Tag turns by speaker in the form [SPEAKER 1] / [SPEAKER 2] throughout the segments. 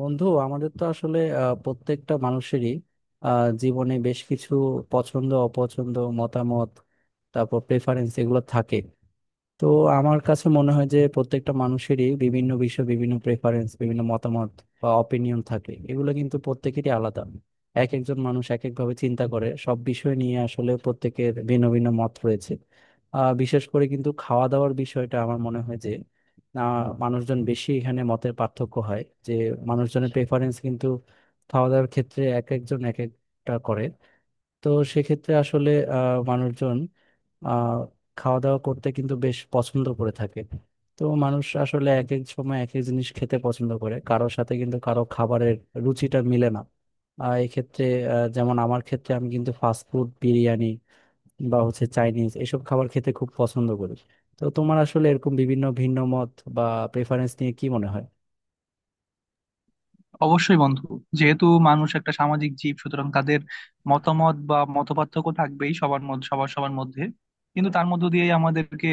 [SPEAKER 1] বন্ধু আমাদের তো আসলে প্রত্যেকটা মানুষেরই আহ, জীবনে বেশ কিছু পছন্দ অপছন্দ মতামত তারপর প্রেফারেন্স এগুলো থাকে। তো আমার কাছে মনে হয় যে প্রত্যেকটা মানুষেরই বিভিন্ন বিষয়ে বিভিন্ন প্রেফারেন্স বিভিন্ন মতামত বা অপিনিয়ন থাকে, এগুলো কিন্তু প্রত্যেকেরই আলাদা। এক একজন মানুষ এক একভাবে চিন্তা করে, সব বিষয় নিয়ে আসলে প্রত্যেকের ভিন্ন ভিন্ন মত রয়েছে। বিশেষ করে কিন্তু খাওয়া দাওয়ার বিষয়টা আমার মনে হয় যে মানুষজন বেশি এখানে মতের পার্থক্য হয়, যে মানুষজনের প্রেফারেন্স কিন্তু খাওয়া দাওয়ার ক্ষেত্রে এক একজন এক একটা করে। তো সেক্ষেত্রে আসলে মানুষজন আহ খাওয়া দাওয়া করতে কিন্তু বেশ পছন্দ করে থাকে। তো মানুষ আসলে এক এক সময় এক এক জিনিস খেতে পছন্দ করে, কারোর সাথে কিন্তু কারো খাবারের রুচিটা মিলে না। এক্ষেত্রে যেমন আমার ক্ষেত্রে আমি কিন্তু ফাস্ট ফুড, বিরিয়ানি বা হচ্ছে চাইনিজ এসব খাবার খেতে খুব পছন্দ করি। তো তোমার আসলে এরকম বিভিন্ন ভিন্ন মত বা প্রেফারেন্স নিয়ে কি মনে হয়?
[SPEAKER 2] অবশ্যই বন্ধু। যেহেতু মানুষ একটা সামাজিক জীব, সুতরাং তাদের মতামত বা মতপার্থক্য থাকবেই সবার মধ্যে, সবার সবার মধ্যে। কিন্তু তার মধ্য দিয়েই আমাদেরকে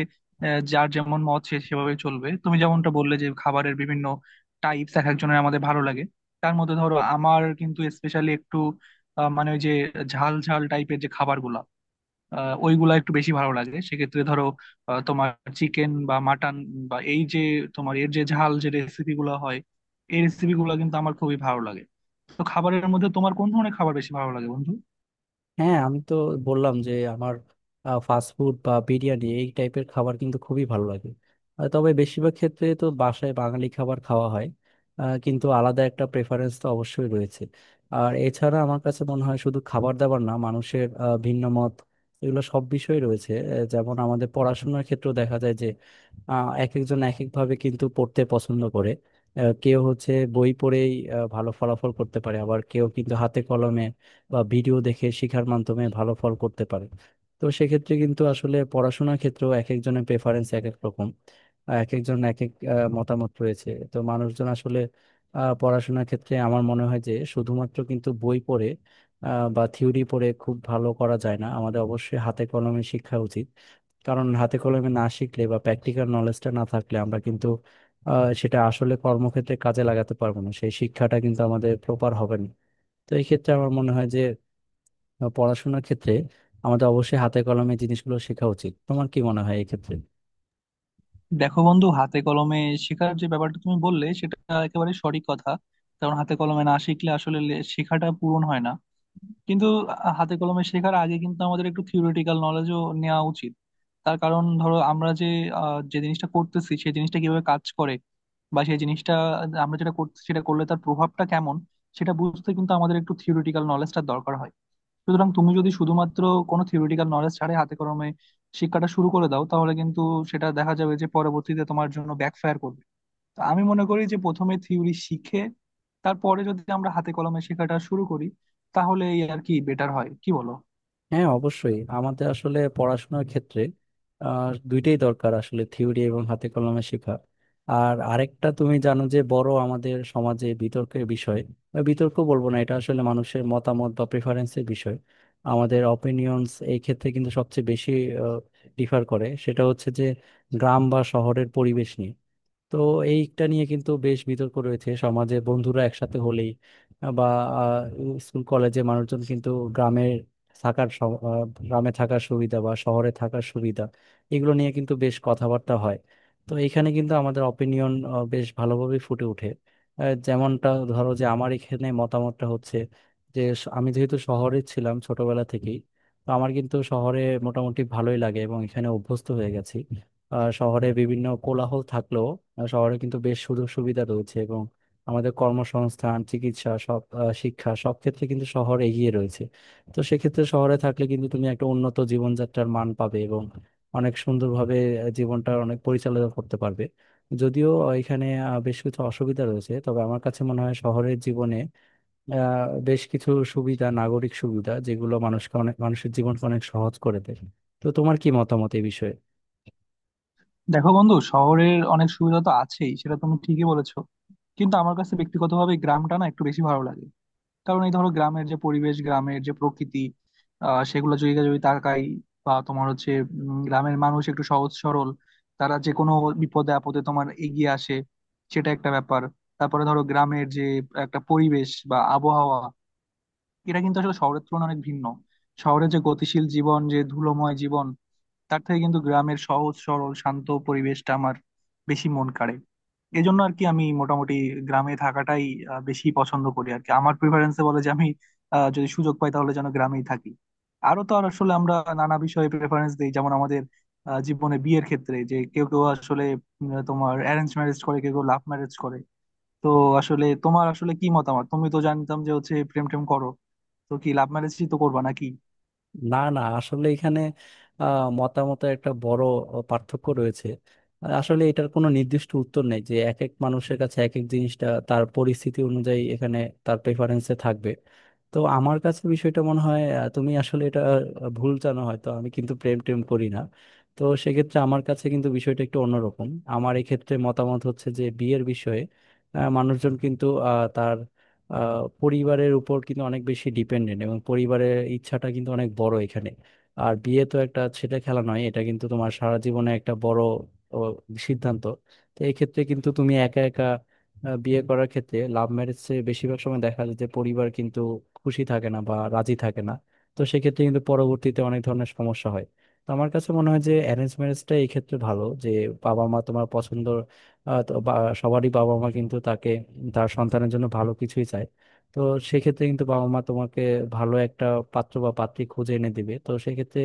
[SPEAKER 2] যার যেমন মত সে সেভাবে চলবে। তুমি যেমনটা বললে যে খাবারের বিভিন্ন টাইপস এক একজনের আমাদের ভালো লাগে। তার মধ্যে ধরো আমার কিন্তু স্পেশালি একটু মানে ওই যে ঝাল ঝাল টাইপের যে খাবারগুলা, ওইগুলা একটু বেশি ভালো লাগে। সেক্ষেত্রে ধরো তোমার চিকেন বা মাটন, বা এই যে তোমার এর যে ঝাল যে রেসিপি গুলো হয়, এই রেসিপি গুলো কিন্তু আমার খুবই ভালো লাগে। তো খাবারের মধ্যে তোমার কোন ধরনের খাবার বেশি ভালো লাগে বন্ধু?
[SPEAKER 1] হ্যাঁ, আমি তো বললাম যে আমার ফাস্ট ফুড বা বিরিয়ানি এই টাইপের খাবার কিন্তু খুবই ভালো লাগে। তবে বেশিরভাগ ক্ষেত্রে তো বাসায় বাঙালি খাবার খাওয়া হয়। কিন্তু আলাদা একটা প্রেফারেন্স তো অবশ্যই রয়েছে। আর এছাড়া আমার কাছে মনে হয় শুধু খাবার দাবার না, মানুষের ভিন্ন মত এগুলো সব বিষয়ে রয়েছে। যেমন আমাদের পড়াশোনার ক্ষেত্রেও দেখা যায় যে এক একজন এক একভাবে কিন্তু পড়তে পছন্দ করে। কেউ হচ্ছে বই পড়েই ভালো ফলাফল করতে পারে, আবার কেউ কিন্তু হাতে কলমে বা ভিডিও দেখে শেখার মাধ্যমে ভালো ফল করতে পারে। তো সেক্ষেত্রে কিন্তু আসলে পড়াশোনার ক্ষেত্রেও এক একজনের প্রেফারেন্স এক এক রকম, এক একজন এক এক মতামত রয়েছে। তো মানুষজন আসলে পড়াশোনার ক্ষেত্রে আমার মনে হয় যে শুধুমাত্র কিন্তু বই পড়ে বা থিওরি পড়ে খুব ভালো করা যায় না, আমাদের অবশ্যই হাতে কলমে শিক্ষা উচিত। কারণ হাতে কলমে না শিখলে বা প্র্যাকটিক্যাল নলেজটা না থাকলে আমরা কিন্তু সেটা আসলে কর্মক্ষেত্রে কাজে লাগাতে পারবো না, সেই শিক্ষাটা কিন্তু আমাদের প্রপার হবে না। তো এই ক্ষেত্রে আমার মনে হয় যে বা পড়াশোনার ক্ষেত্রে আমাদের অবশ্যই হাতে কলমে জিনিসগুলো শেখা উচিত। তোমার কি মনে হয় এক্ষেত্রে?
[SPEAKER 2] দেখো বন্ধু, হাতে কলমে শেখার যে ব্যাপারটা তুমি বললে সেটা একেবারে সঠিক কথা। কারণ হাতে কলমে না শিখলে আসলে শেখাটা পূরণ হয় না। কিন্তু হাতে কলমে শেখার আগে কিন্তু আমাদের একটু থিওরিটিক্যাল নলেজও নেওয়া উচিত। তার কারণ ধরো আমরা যে যে জিনিসটা করতেছি সেই জিনিসটা কিভাবে কাজ করে, বা সেই জিনিসটা আমরা যেটা করছি সেটা করলে তার প্রভাবটা কেমন, সেটা বুঝতে কিন্তু আমাদের একটু থিওরিটিক্যাল নলেজটা দরকার হয়। সুতরাং তুমি যদি শুধুমাত্র কোনো থিওরিটিক্যাল নলেজ ছাড়াই হাতে কলমে শিক্ষাটা শুরু করে দাও, তাহলে কিন্তু সেটা দেখা যাবে যে পরবর্তীতে তোমার জন্য ব্যাকফায়ার করবে। তো আমি মনে করি যে প্রথমে থিওরি শিখে তারপরে যদি আমরা হাতে কলমে শেখাটা শুরু করি তাহলে এই আর কি বেটার হয়, কি বলো?
[SPEAKER 1] হ্যাঁ অবশ্যই, আমাদের আসলে পড়াশোনার ক্ষেত্রে দুইটাই দরকার, আসলে থিওরি এবং হাতে কলমে শেখা। আর আরেকটা তুমি জানো যে বড় আমাদের সমাজে বিতর্কের বিষয়, বা বিতর্ক বলবো না, এটা আসলে মানুষের মতামত বা প্রেফারেন্সের বিষয়, আমাদের অপিনিয়ন্স। এই ক্ষেত্রে কিন্তু সবচেয়ে বেশি ডিফার করে, সেটা হচ্ছে যে গ্রাম বা শহরের পরিবেশ নিয়ে। তো এইটা নিয়ে কিন্তু বেশ বিতর্ক রয়েছে সমাজে, বন্ধুরা একসাথে হলেই আহ, বা আহ, স্কুল কলেজে মানুষজন কিন্তু গ্রামের গ্রামে থাকার সুবিধা বা শহরে থাকার সুবিধা এগুলো নিয়ে কিন্তু বেশ কথাবার্তা হয়। তো এখানে কিন্তু আমাদের অপিনিয়ন বেশ ভালোভাবে ফুটে ওঠে। যেমনটা ধরো যে আমার এখানে মতামতটা হচ্ছে যে আমি যেহেতু শহরে ছিলাম ছোটবেলা থেকেই, তো আমার কিন্তু শহরে মোটামুটি ভালোই লাগে এবং এখানে অভ্যস্ত হয়ে গেছি। শহরে বিভিন্ন কোলাহল থাকলেও শহরে কিন্তু বেশ সুযোগ সুবিধা রয়েছে এবং আমাদের কর্মসংস্থান, চিকিৎসা, সব শিক্ষা, সব ক্ষেত্রে কিন্তু শহর এগিয়ে রয়েছে। তো সেক্ষেত্রে শহরে থাকলে কিন্তু তুমি একটা উন্নত জীবনযাত্রার মান পাবে এবং অনেক সুন্দরভাবে জীবনটা অনেক পরিচালনা করতে পারবে। যদিও এখানে বেশ কিছু অসুবিধা রয়েছে, তবে আমার কাছে মনে হয় শহরের জীবনে বেশ কিছু সুবিধা, নাগরিক সুবিধা যেগুলো মানুষকে অনেক, মানুষের জীবনকে অনেক সহজ করে দেয়। তো তোমার কি মতামত এই বিষয়ে?
[SPEAKER 2] দেখো বন্ধু, শহরের অনেক সুবিধা তো আছেই, সেটা তুমি ঠিকই বলেছো। কিন্তু আমার কাছে ব্যক্তিগতভাবে গ্রামটা না একটু বেশি ভালো লাগে। কারণ এই ধরো গ্রামের যে পরিবেশ, গ্রামের যে প্রকৃতি, সেগুলো যদি যদি তাকাই। বা তোমার হচ্ছে গ্রামের মানুষ একটু সহজ সরল। তারা যে কোনো বিপদে আপদে তোমার এগিয়ে আসে, সেটা একটা ব্যাপার। তারপরে ধরো গ্রামের যে একটা পরিবেশ বা আবহাওয়া, এটা কিন্তু আসলে শহরের তুলনায় অনেক ভিন্ন। শহরে যে গতিশীল জীবন, যে ধুলোময় জীবন, তার থেকে কিন্তু গ্রামের সহজ সরল শান্ত পরিবেশটা আমার বেশি মন কাড়ে। এই জন্য আর কি আমি মোটামুটি গ্রামে থাকাটাই বেশি পছন্দ করি আর কি। আমার প্রিফারেন্সে বলে যে আমি যদি সুযোগ পাই তাহলে যেন গ্রামেই থাকি। আরো তো আর আসলে আমরা নানা বিষয়ে প্রেফারেন্স দিই, যেমন আমাদের জীবনে বিয়ের ক্ষেত্রে যে কেউ কেউ আসলে তোমার অ্যারেঞ্জ ম্যারেজ করে, কেউ কেউ লাভ ম্যারেজ করে। তো আসলে তোমার আসলে কি মতামত? তুমি তো জানতাম যে হচ্ছে প্রেম টেম করো, তো কি লাভ ম্যারেজই তো করবা নাকি?
[SPEAKER 1] না না, আসলে এখানে মতামতের একটা বড় পার্থক্য রয়েছে। আসলে এটার কোনো নির্দিষ্ট উত্তর নেই, যে এক এক মানুষের কাছে এক এক জিনিসটা তার পরিস্থিতি অনুযায়ী এখানে তার প্রেফারেন্সে থাকবে। তো আমার কাছে বিষয়টা মনে হয় তুমি আসলে এটা ভুল জানো, হয়তো আমি কিন্তু প্রেম টেম করি না। তো সেক্ষেত্রে আমার কাছে কিন্তু বিষয়টা একটু অন্যরকম। আমার এক্ষেত্রে মতামত হচ্ছে যে বিয়ের বিষয়ে মানুষজন কিন্তু তার পরিবারের উপর কিন্তু অনেক বেশি ডিপেন্ডেন্ট, এবং পরিবারের ইচ্ছাটা কিন্তু অনেক বড় এখানে। আর বিয়ে তো একটা ছেলে খেলা নয়, এটা কিন্তু তোমার সারা জীবনে একটা বড় ও, সিদ্ধান্ত। তো এক্ষেত্রে কিন্তু তুমি একা একা বিয়ে করার ক্ষেত্রে, লাভ ম্যারেজে বেশিরভাগ সময় দেখা যায় যে পরিবার কিন্তু খুশি থাকে না বা রাজি থাকে না। তো সেক্ষেত্রে কিন্তু পরবর্তীতে অনেক ধরনের সমস্যা হয়। তো আমার কাছে মনে হয় যে অ্যারেঞ্জ ম্যারেজটা এই ক্ষেত্রে ভালো, যে বাবা মা তোমার পছন্দ আহ, তো বা- সবারই বাবা মা কিন্তু তাকে, তার সন্তানের জন্য ভালো কিছুই চায়। তো সেক্ষেত্রে কিন্তু বাবা মা তোমাকে ভালো একটা পাত্র বা পাত্রী খুঁজে এনে দিবে। তো সেক্ষেত্রে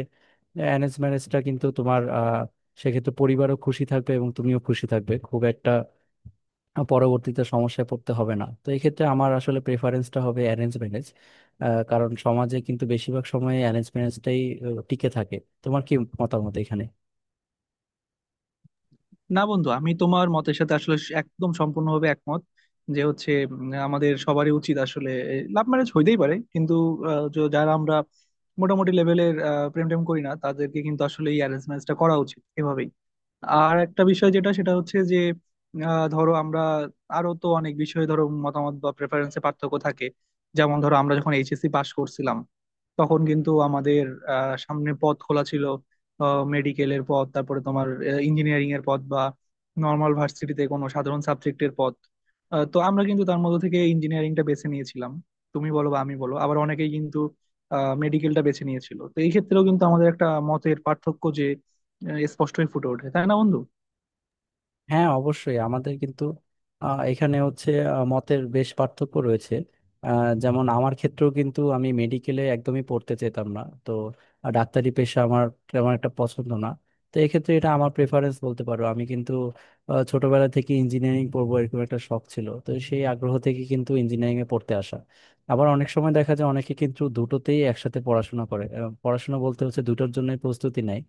[SPEAKER 1] অ্যারেঞ্জ ম্যারেজটা কিন্তু তোমার সেক্ষেত্রে পরিবারও খুশি থাকবে এবং তুমিও খুশি থাকবে, খুব একটা পরবর্তীতে সমস্যায় পড়তে হবে না। তো এক্ষেত্রে আমার আসলে প্রেফারেন্সটা হবে অ্যারেঞ্জ ম্যারেজ, কারণ সমাজে কিন্তু বেশিরভাগ সময় অ্যারেঞ্জ ম্যারেজটাই টিকে থাকে। তোমার কি মতামত এখানে?
[SPEAKER 2] না বন্ধু, আমি তোমার মতের সাথে আসলে একদম সম্পূর্ণভাবে একমত। যে হচ্ছে আমাদের সবারই উচিত আসলে, লাভ ম্যারেজ হইতেই পারে, কিন্তু যারা আমরা মোটামুটি লেভেলের প্রেম টেম করি না তাদেরকে কিন্তু আসলে এই অ্যারেঞ্জ ম্যারেজটা করা উচিত এভাবেই। আর একটা বিষয় যেটা সেটা হচ্ছে যে ধরো আমরা আরো তো অনেক বিষয়ে ধরো মতামত বা প্রেফারেন্সে পার্থক্য থাকে। যেমন ধরো আমরা যখন এইচএসসি পাশ করছিলাম, তখন কিন্তু আমাদের সামনে পথ খোলা ছিল, মেডিকেলের পথ, তারপরে তোমার ইঞ্জিনিয়ারিং এর পথ, বা নর্মাল ভার্সিটিতে কোনো সাধারণ সাবজেক্টের পথ। তো আমরা কিন্তু তার মধ্যে থেকে ইঞ্জিনিয়ারিংটা বেছে নিয়েছিলাম, তুমি বলো বা আমি বলো। আবার অনেকেই কিন্তু মেডিকেলটা বেছে নিয়েছিল। তো এই ক্ষেত্রেও কিন্তু আমাদের একটা মতের পার্থক্য যে স্পষ্টই ফুটে ওঠে, তাই না বন্ধু?
[SPEAKER 1] হ্যাঁ অবশ্যই, আমাদের কিন্তু এখানে হচ্ছে মতের বেশ পার্থক্য রয়েছে। আহ, যেমন আমার ক্ষেত্রেও কিন্তু আমি মেডিকেলে একদমই পড়তে চেতাম না। তো ডাক্তারি পেশা আমার তেমন একটা পছন্দ না। তো এক্ষেত্রে এটা আমার প্রেফারেন্স বলতে পারো, আমি কিন্তু ছোটবেলা থেকে ইঞ্জিনিয়ারিং পড়বো এরকম একটা শখ ছিল। তো সেই আগ্রহ থেকে কিন্তু ইঞ্জিনিয়ারিং এ পড়তে আসা। আবার অনেক সময় দেখা যায় অনেকে কিন্তু দুটোতেই একসাথে পড়াশোনা করে, পড়াশোনা বলতে হচ্ছে দুটোর জন্য প্রস্তুতি নেয়।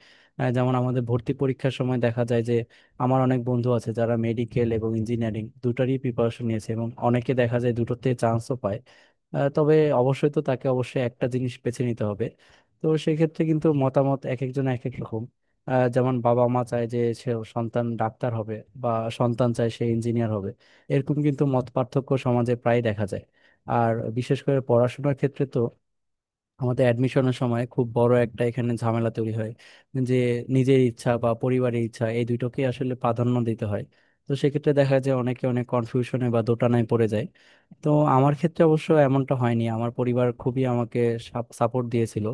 [SPEAKER 1] যেমন আমাদের ভর্তি পরীক্ষার সময় দেখা যায় যে আমার অনেক বন্ধু আছে যারা মেডিকেল এবং ইঞ্জিনিয়ারিং দুটারই প্রিপারেশন নিয়েছে, এবং অনেকে দেখা যায় দুটোতে চান্সও পায়। তবে অবশ্যই তো তাকে অবশ্যই একটা জিনিস বেছে নিতে হবে। তো সেক্ষেত্রে কিন্তু মতামত এক একজন এক এক রকম। যেমন বাবা মা চায় যে সে সন্তান ডাক্তার হবে, বা সন্তান চায় সে ইঞ্জিনিয়ার হবে। এরকম কিন্তু মত পার্থক্য সমাজে প্রায় দেখা যায়। আর বিশেষ করে পড়াশোনার ক্ষেত্রে তো আমাদের অ্যাডমিশনের সময় খুব বড় একটা এখানে ঝামেলা তৈরি হয়, যে নিজের ইচ্ছা বা পরিবারের ইচ্ছা এই দুটোকে আসলে প্রাধান্য দিতে হয়। তো সেক্ষেত্রে দেখা যায় অনেকে অনেক কনফিউশনে বা দোটানায় পড়ে যায়। তো আমার ক্ষেত্রে অবশ্য এমনটা হয়নি, আমার পরিবার খুবই আমাকে সাপোর্ট দিয়েছিল।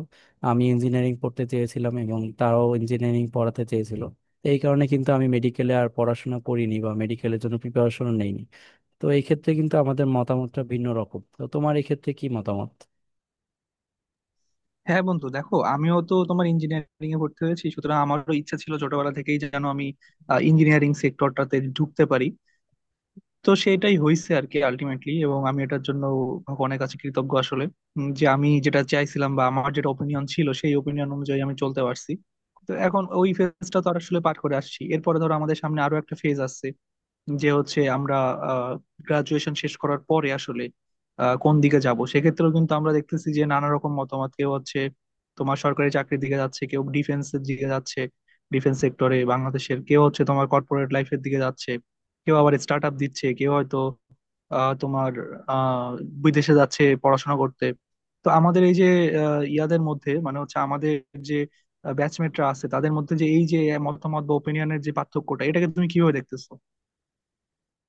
[SPEAKER 1] আমি ইঞ্জিনিয়ারিং পড়তে চেয়েছিলাম এবং তারাও ইঞ্জিনিয়ারিং পড়াতে চেয়েছিল। তো এই কারণে কিন্তু আমি মেডিকেলে আর পড়াশোনা করিনি বা মেডিকেলের জন্য প্রিপারেশন নেইনি। তো এই ক্ষেত্রে কিন্তু আমাদের মতামতটা ভিন্ন রকম। তো তোমার এই ক্ষেত্রে কি মতামত?
[SPEAKER 2] হ্যাঁ বন্ধু, দেখো আমিও তো তোমার ইঞ্জিনিয়ারিং এ ভর্তি হয়েছি, সুতরাং আমারও ইচ্ছা ছিল ছোটবেলা থেকেই যেন আমি ইঞ্জিনিয়ারিং সেক্টরটাতে ঢুকতে পারি। তো সেটাই হয়েছে আর কি আলটিমেটলি, এবং আমি এটার জন্য ভগবানের কাছে কৃতজ্ঞ আসলে। যে আমি যেটা চাইছিলাম বা আমার যেটা ওপিনিয়ন ছিল সেই ওপিনিয়ন অনুযায়ী আমি চলতে পারছি। তো এখন ওই ফেজটা তো আর আসলে পার করে আসছি। এরপরে ধরো আমাদের সামনে আরো একটা ফেজ আসছে, যে হচ্ছে আমরা গ্রাজুয়েশন শেষ করার পরে আসলে কোন দিকে যাব। সেক্ষেত্রেও কিন্তু আমরা দেখতেছি যে নানা রকম মতামত। কেউ হচ্ছে তোমার সরকারি চাকরির দিকে যাচ্ছে, কেউ ডিফেন্সের দিকে যাচ্ছে, ডিফেন্স সেক্টরে বাংলাদেশের, কেউ হচ্ছে তোমার কর্পোরেট লাইফের দিকে যাচ্ছে, কেউ আবার স্টার্ট আপ দিচ্ছে, কেউ হয়তো তোমার আহ, বিদেশে যাচ্ছে পড়াশোনা করতে। তো আমাদের এই যে ইয়াদের মধ্যে মানে হচ্ছে আমাদের যে ব্যাচমেটরা আছে তাদের মধ্যে যে এই যে মতামত বা ওপিনিয়নের যে পার্থক্যটা, এটাকে তুমি কিভাবে দেখতেছো?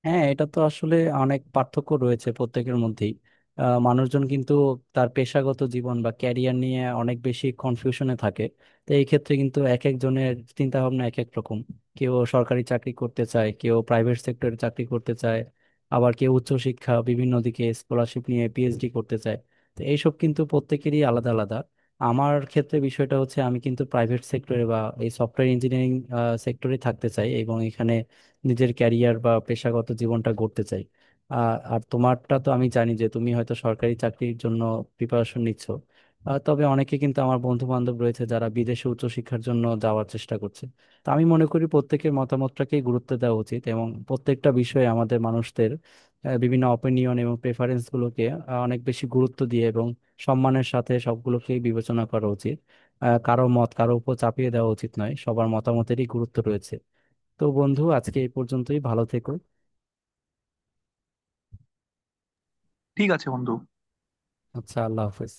[SPEAKER 1] হ্যাঁ এটা তো আসলে অনেক পার্থক্য রয়েছে প্রত্যেকের মধ্যেই। মানুষজন কিন্তু তার পেশাগত জীবন বা ক্যারিয়ার নিয়ে অনেক বেশি কনফিউশনে থাকে। তো এই ক্ষেত্রে কিন্তু এক একজনের চিন্তা ভাবনা এক এক রকম। কেউ সরকারি চাকরি করতে চায়, কেউ প্রাইভেট সেক্টরে চাকরি করতে চায়, আবার কেউ উচ্চশিক্ষা বিভিন্ন দিকে স্কলারশিপ নিয়ে পিএইচডি করতে চায়। তো এইসব কিন্তু প্রত্যেকেরই আলাদা আলাদা। আমার ক্ষেত্রে বিষয়টা হচ্ছে আমি কিন্তু প্রাইভেট সেক্টরে বা এই সফটওয়্যার ইঞ্জিনিয়ারিং সেক্টরে থাকতে চাই, এবং এখানে নিজের ক্যারিয়ার বা পেশাগত জীবনটা গড়তে চাই। আর আর তোমারটা তো আমি জানি যে তুমি হয়তো সরকারি চাকরির জন্য প্রিপারেশন নিচ্ছ। তবে অনেকে কিন্তু আমার বন্ধু বান্ধব রয়েছে যারা বিদেশে উচ্চশিক্ষার জন্য যাওয়ার চেষ্টা করছে। তো আমি মনে করি প্রত্যেকের মতামতটাকেই গুরুত্ব দেওয়া উচিত, এবং প্রত্যেকটা বিষয়ে আমাদের মানুষদের বিভিন্ন অপিনিয়ন এবং প্রেফারেন্স গুলোকে অনেক বেশি গুরুত্ব দিয়ে এবং সম্মানের সাথে সবগুলোকেই বিবেচনা করা উচিত। কারো মত কারো উপর চাপিয়ে দেওয়া উচিত নয়, সবার মতামতেরই গুরুত্ব রয়েছে। তো বন্ধু, আজকে এই পর্যন্তই, ভালো থেকো।
[SPEAKER 2] ঠিক আছে বন্ধু।
[SPEAKER 1] আচ্ছা, আল্লাহ হাফেজ।